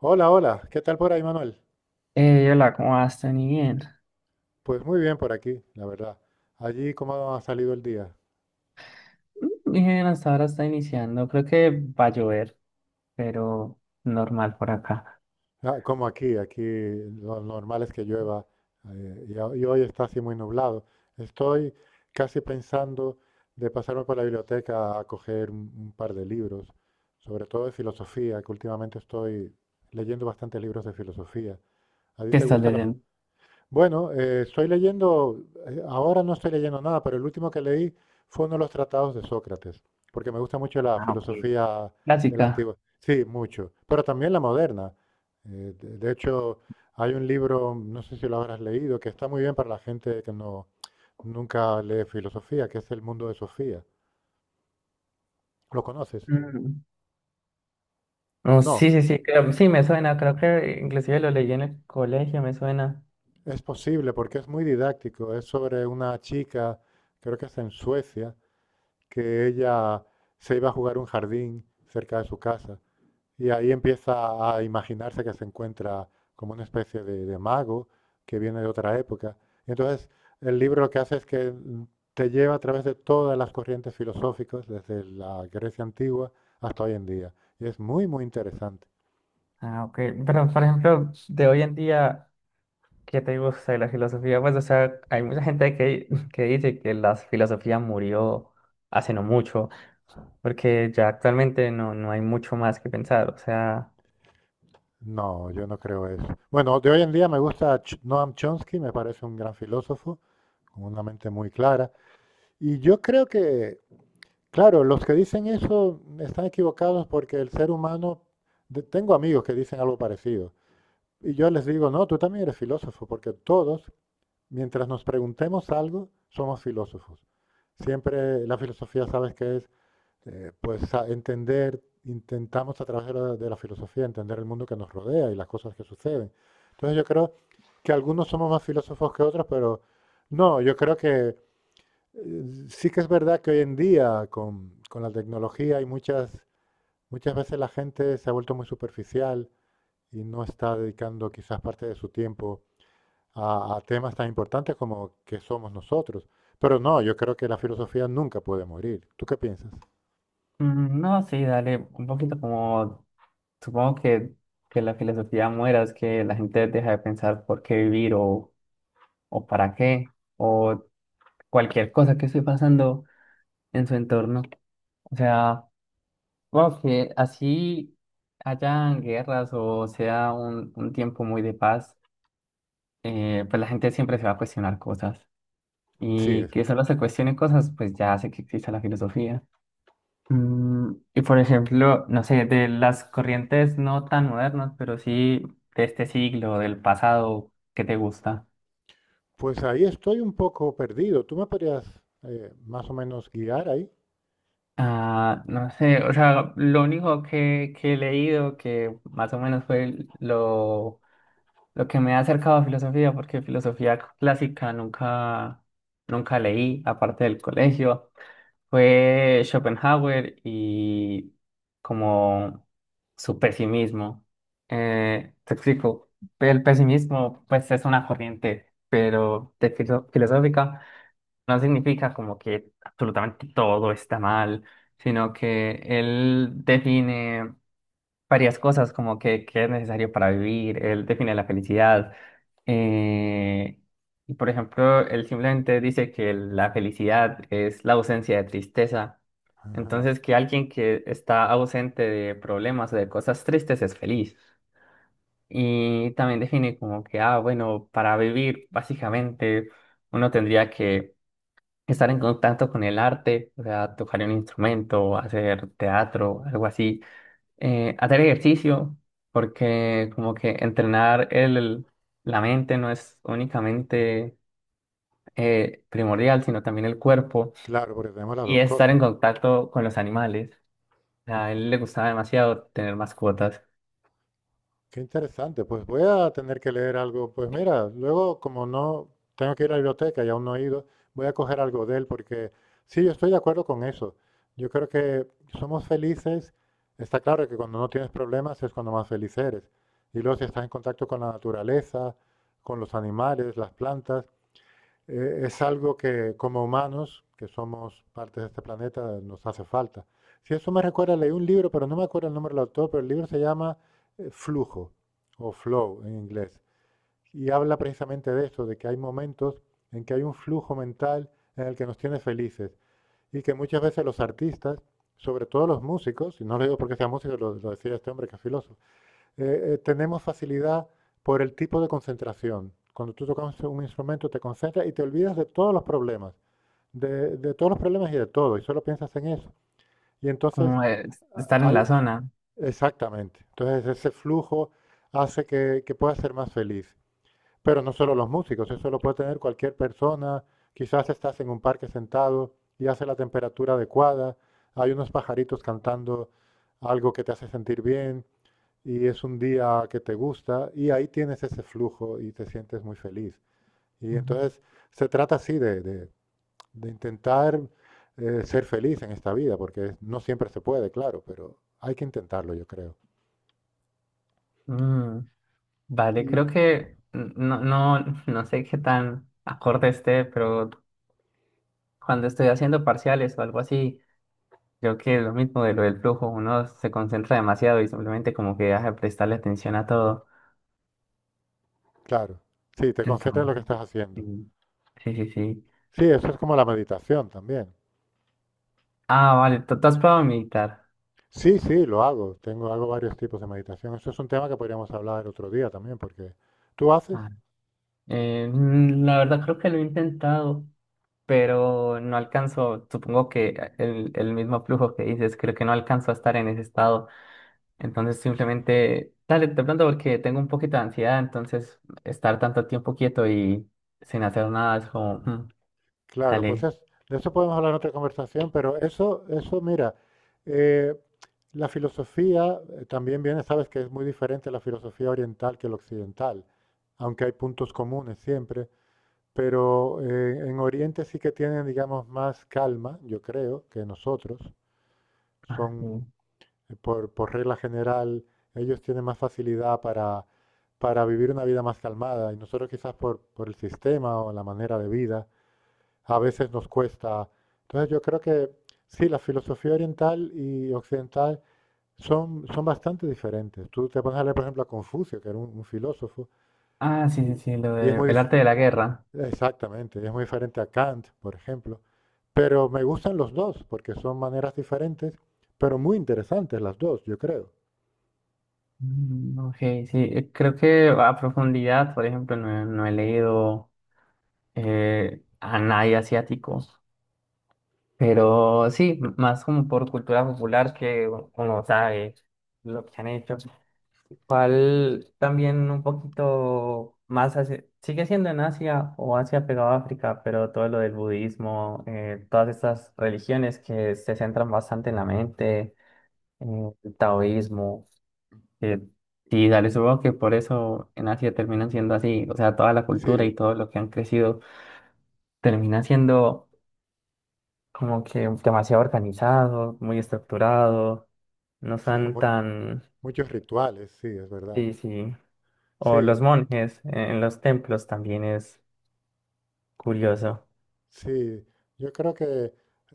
Hola, hola. ¿Qué tal por ahí, Manuel? Hola, ¿cómo vas, Tani? Bien. Pues muy bien por aquí, la verdad. Allí, ¿cómo ha salido el día? Bien, hasta ahora está iniciando. Creo que va a llover, pero normal por acá. Ah, como aquí, aquí lo normal es que llueva y, y hoy está así muy nublado. Estoy casi pensando de pasarme por la biblioteca a coger un par de libros, sobre todo de filosofía, que últimamente estoy leyendo bastantes libros de filosofía. ¿A ti ¿Qué te estás gusta la...? leyendo? Bueno, estoy leyendo, ahora no estoy leyendo nada, pero el último que leí fue uno de los tratados de Sócrates, porque me gusta mucho la Ah, ok. filosofía de la Clásica. antigua. Sí, mucho, pero también la moderna. De hecho, hay un libro, no sé si lo habrás leído, que está muy bien para la gente que nunca lee filosofía, que es El mundo de Sofía. ¿Lo conoces? Mm. Oh, No, sí, sí, sí, creo, sí, me suena. Creo que inclusive lo leí en el colegio, me suena. es posible porque es muy didáctico. Es sobre una chica, creo que es en Suecia, que ella se iba a jugar a un jardín cerca de su casa y ahí empieza a imaginarse que se encuentra como una especie de mago que viene de otra época. Y entonces el libro lo que hace es que te lleva a través de todas las corrientes filosóficas, desde la Grecia antigua hasta hoy en día. Y es muy, muy interesante. Ah, ok. Pero, por ejemplo, de hoy en día, ¿qué te gusta de la filosofía? Pues, o sea, hay mucha gente que dice que la filosofía murió hace no mucho, porque ya actualmente no hay mucho más que pensar. O sea... No, yo no creo eso. Bueno, de hoy en día me gusta Noam Chomsky, me parece un gran filósofo, con una mente muy clara. Y yo creo que claro, los que dicen eso están equivocados porque el ser humano, tengo amigos que dicen algo parecido. Y yo les digo, no, tú también eres filósofo, porque todos, mientras nos preguntemos algo, somos filósofos. Siempre la filosofía, sabes que es, pues entender, intentamos a través de de la filosofía entender el mundo que nos rodea y las cosas que suceden. Entonces yo creo que algunos somos más filósofos que otros, pero no, yo creo que eh, sí que es verdad que hoy en día con la tecnología hay muchas, muchas veces la gente se ha vuelto muy superficial y no está dedicando quizás parte de su tiempo a temas tan importantes como que somos nosotros. Pero no, yo creo que la filosofía nunca puede morir. ¿Tú qué piensas? Mm, no, sí, dale, un poquito como, supongo que la filosofía muera, es que la gente deja de pensar por qué vivir o para qué, o cualquier cosa que esté pasando en su entorno. O sea, supongo que así hayan guerras o sea un tiempo muy de paz, pues la gente siempre se va a cuestionar cosas. Sí, Y es. que solo se cuestionen cosas, pues ya hace que exista la filosofía. Mm, y por ejemplo, no sé, de las corrientes no tan modernas, pero sí de este siglo, del pasado, ¿qué te gusta? Pues ahí estoy un poco perdido. ¿Tú me podrías más o menos guiar ahí? Ah, no sé, o sea, lo único que he leído que más o menos fue lo que me ha acercado a filosofía, porque filosofía clásica nunca, nunca leí, aparte del colegio. Fue Schopenhauer y como su pesimismo. Te explico, el pesimismo pues es una corriente, pero de filosófica no significa como que absolutamente todo está mal, sino que él define varias cosas como que es necesario para vivir, él define la felicidad. Eh, y por ejemplo, él simplemente dice que la felicidad es la ausencia de tristeza. Ajá. Entonces, que alguien que está ausente de problemas o de cosas tristes es feliz. Y también define como que, ah, bueno, para vivir, básicamente, uno tendría que estar en contacto con el arte, o sea, tocar un instrumento, hacer teatro, algo así, hacer ejercicio, porque como que entrenar el, la mente no es únicamente primordial, sino también el cuerpo, Claro, porque tenemos las y dos estar cosas. en contacto con los animales. A él le gustaba demasiado tener mascotas, Qué interesante, pues voy a tener que leer algo. Pues mira, luego como no tengo que ir a la biblioteca y aún no he ido, voy a coger algo de él porque sí, yo estoy de acuerdo con eso. Yo creo que somos felices, está claro que cuando no tienes problemas es cuando más feliz eres. Y luego si estás en contacto con la naturaleza, con los animales, las plantas, es algo que como humanos, que somos parte de este planeta, nos hace falta. Si eso me recuerda, leí un libro, pero no me acuerdo el nombre del autor, pero el libro se llama Flujo o Flow en inglés. Y habla precisamente de esto, de que hay momentos en que hay un flujo mental en el que nos tiene felices y que muchas veces los artistas, sobre todo los músicos, y no lo digo porque sea músico, lo decía este hombre que es filósofo, tenemos facilidad por el tipo de concentración. Cuando tú tocas un instrumento te concentras y te olvidas de todos los problemas, de todos los problemas y de todo, y solo piensas en eso. Y entonces como estar en la hay, zona. exactamente, entonces ese flujo hace que puedas ser más feliz. Pero no solo los músicos, eso lo puede tener cualquier persona. Quizás estás en un parque sentado y hace la temperatura adecuada, hay unos pajaritos cantando algo que te hace sentir bien, y es un día que te gusta y ahí tienes ese flujo y te sientes muy feliz. Y Ujú. entonces se trata así de, de intentar ser feliz en esta vida, porque no siempre se puede, claro, pero hay que intentarlo, yo creo. Mm, vale, Y creo que no sé qué tan acorde esté, pero cuando estoy haciendo parciales o algo así, creo que es lo mismo de lo del flujo, uno se concentra demasiado y simplemente como que deja de prestarle atención a todo. claro, sí, te concentras en lo que Entonces, estás sí, haciendo. sí, sí, sí. Sí, eso es como la meditación también. Ah, vale, ¿tú has probado meditar? Sí, sí, lo hago. Tengo, hago varios tipos de meditación. Eso es un tema que podríamos hablar otro día también, porque tú haces. Ah, la verdad creo que lo he intentado, pero no alcanzo, supongo que el mismo flujo que dices, creo que no alcanzo a estar en ese estado. Entonces simplemente, dale, de pronto porque tengo un poquito de ansiedad, entonces estar tanto tiempo quieto y sin hacer nada es como, mm, Claro, pues dale. De eso podemos hablar en otra conversación, pero eso, mira, eh, la filosofía también viene, sabes que es muy diferente la filosofía oriental que la occidental, aunque hay puntos comunes siempre, pero en Oriente sí que tienen, digamos, más calma, yo creo, que nosotros. Ah, Son, sí. Por regla general, ellos tienen más facilidad para vivir una vida más calmada y nosotros quizás por el sistema o la manera de vida a veces nos cuesta. Entonces yo creo que sí, la filosofía oriental y occidental son, son bastante diferentes. Tú te pones a leer, por ejemplo, a Confucio, que era un filósofo, Ah, sí, y, sí, sí, lo y es de muy, el arte de la guerra. exactamente, es muy diferente a Kant, por ejemplo. Pero me gustan los dos, porque son maneras diferentes, pero muy interesantes las dos, yo creo. Mm, ok, sí, creo que a profundidad, por ejemplo, no, he no he leído a nadie asiático, pero sí, más como por cultura popular que uno sabe lo que han hecho. ¿Cuál también un poquito más sigue siendo en Asia o Asia pegado a África, pero todo lo del budismo, todas estas religiones que se centran bastante en la mente, el taoísmo. Eh, sí, dale, supongo que por eso en Asia terminan siendo así, o sea, toda la cultura y Sí, todo lo que han crecido termina siendo como que demasiado organizado, muy estructurado, no sí, con son tan, muchos rituales, sí, es verdad. sí, sí, o Sí, los monjes en los templos también es curioso. sí, yo creo que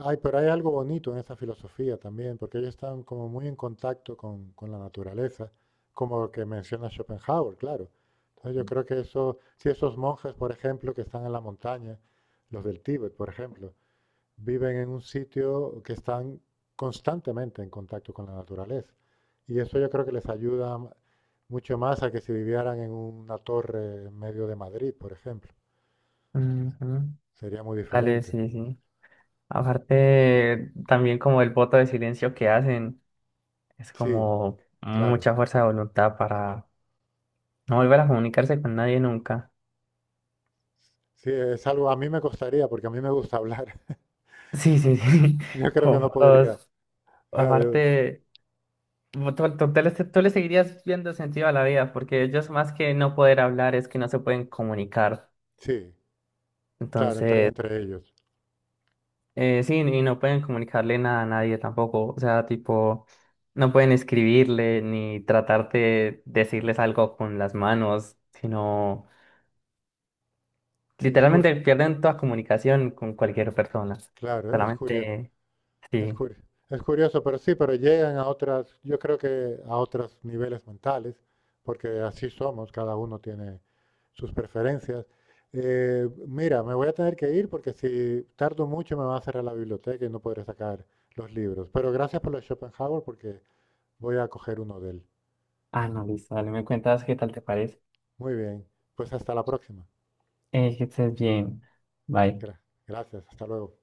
hay, pero hay algo bonito en esa filosofía también, porque ellos están como muy en contacto con la naturaleza, como lo que menciona Schopenhauer, claro. Entonces yo creo que eso, si esos monjes, por ejemplo, que están en la montaña, los del Tíbet, por ejemplo, viven en un sitio que están constantemente en contacto con la naturaleza. Y eso yo creo que les ayuda mucho más a que si vivieran en una torre en medio de Madrid, por ejemplo. Ujú. Sería muy Dale, diferente. sí, sí. Aparte, también como el voto de silencio que hacen, es Sí, como claro, mucha fuerza de voluntad para no volver a comunicarse con nadie nunca. sí, es algo a mí me costaría porque a mí me gusta hablar. Sí, sí, sí. Yo creo O que no podría. fotos, O sea, yo- aparte, tú le seguirías viendo sentido a la vida, porque ellos más que no poder hablar es que no se pueden comunicar. sí, claro, entre, Entonces, entre ellos. Sí, y no pueden comunicarle nada a nadie tampoco. O sea, tipo, no pueden escribirle ni tratar de decirles algo con las manos, sino Sí, es curioso, literalmente pierden toda comunicación con cualquier persona. claro, es curioso, Solamente, es sí. curioso, es curioso, pero sí, pero llegan a otras, yo creo que a otros niveles mentales, porque así somos, cada uno tiene sus preferencias. Mira, me voy a tener que ir porque si tardo mucho me va a cerrar la biblioteca y no podré sacar los libros. Pero gracias por lo de Schopenhauer porque voy a coger uno de él. Ah, no, listo, dale, me cuentas qué tal te parece. Muy bien, pues hasta la próxima. Que estés bien. Bye. Gra- Gracias, hasta luego.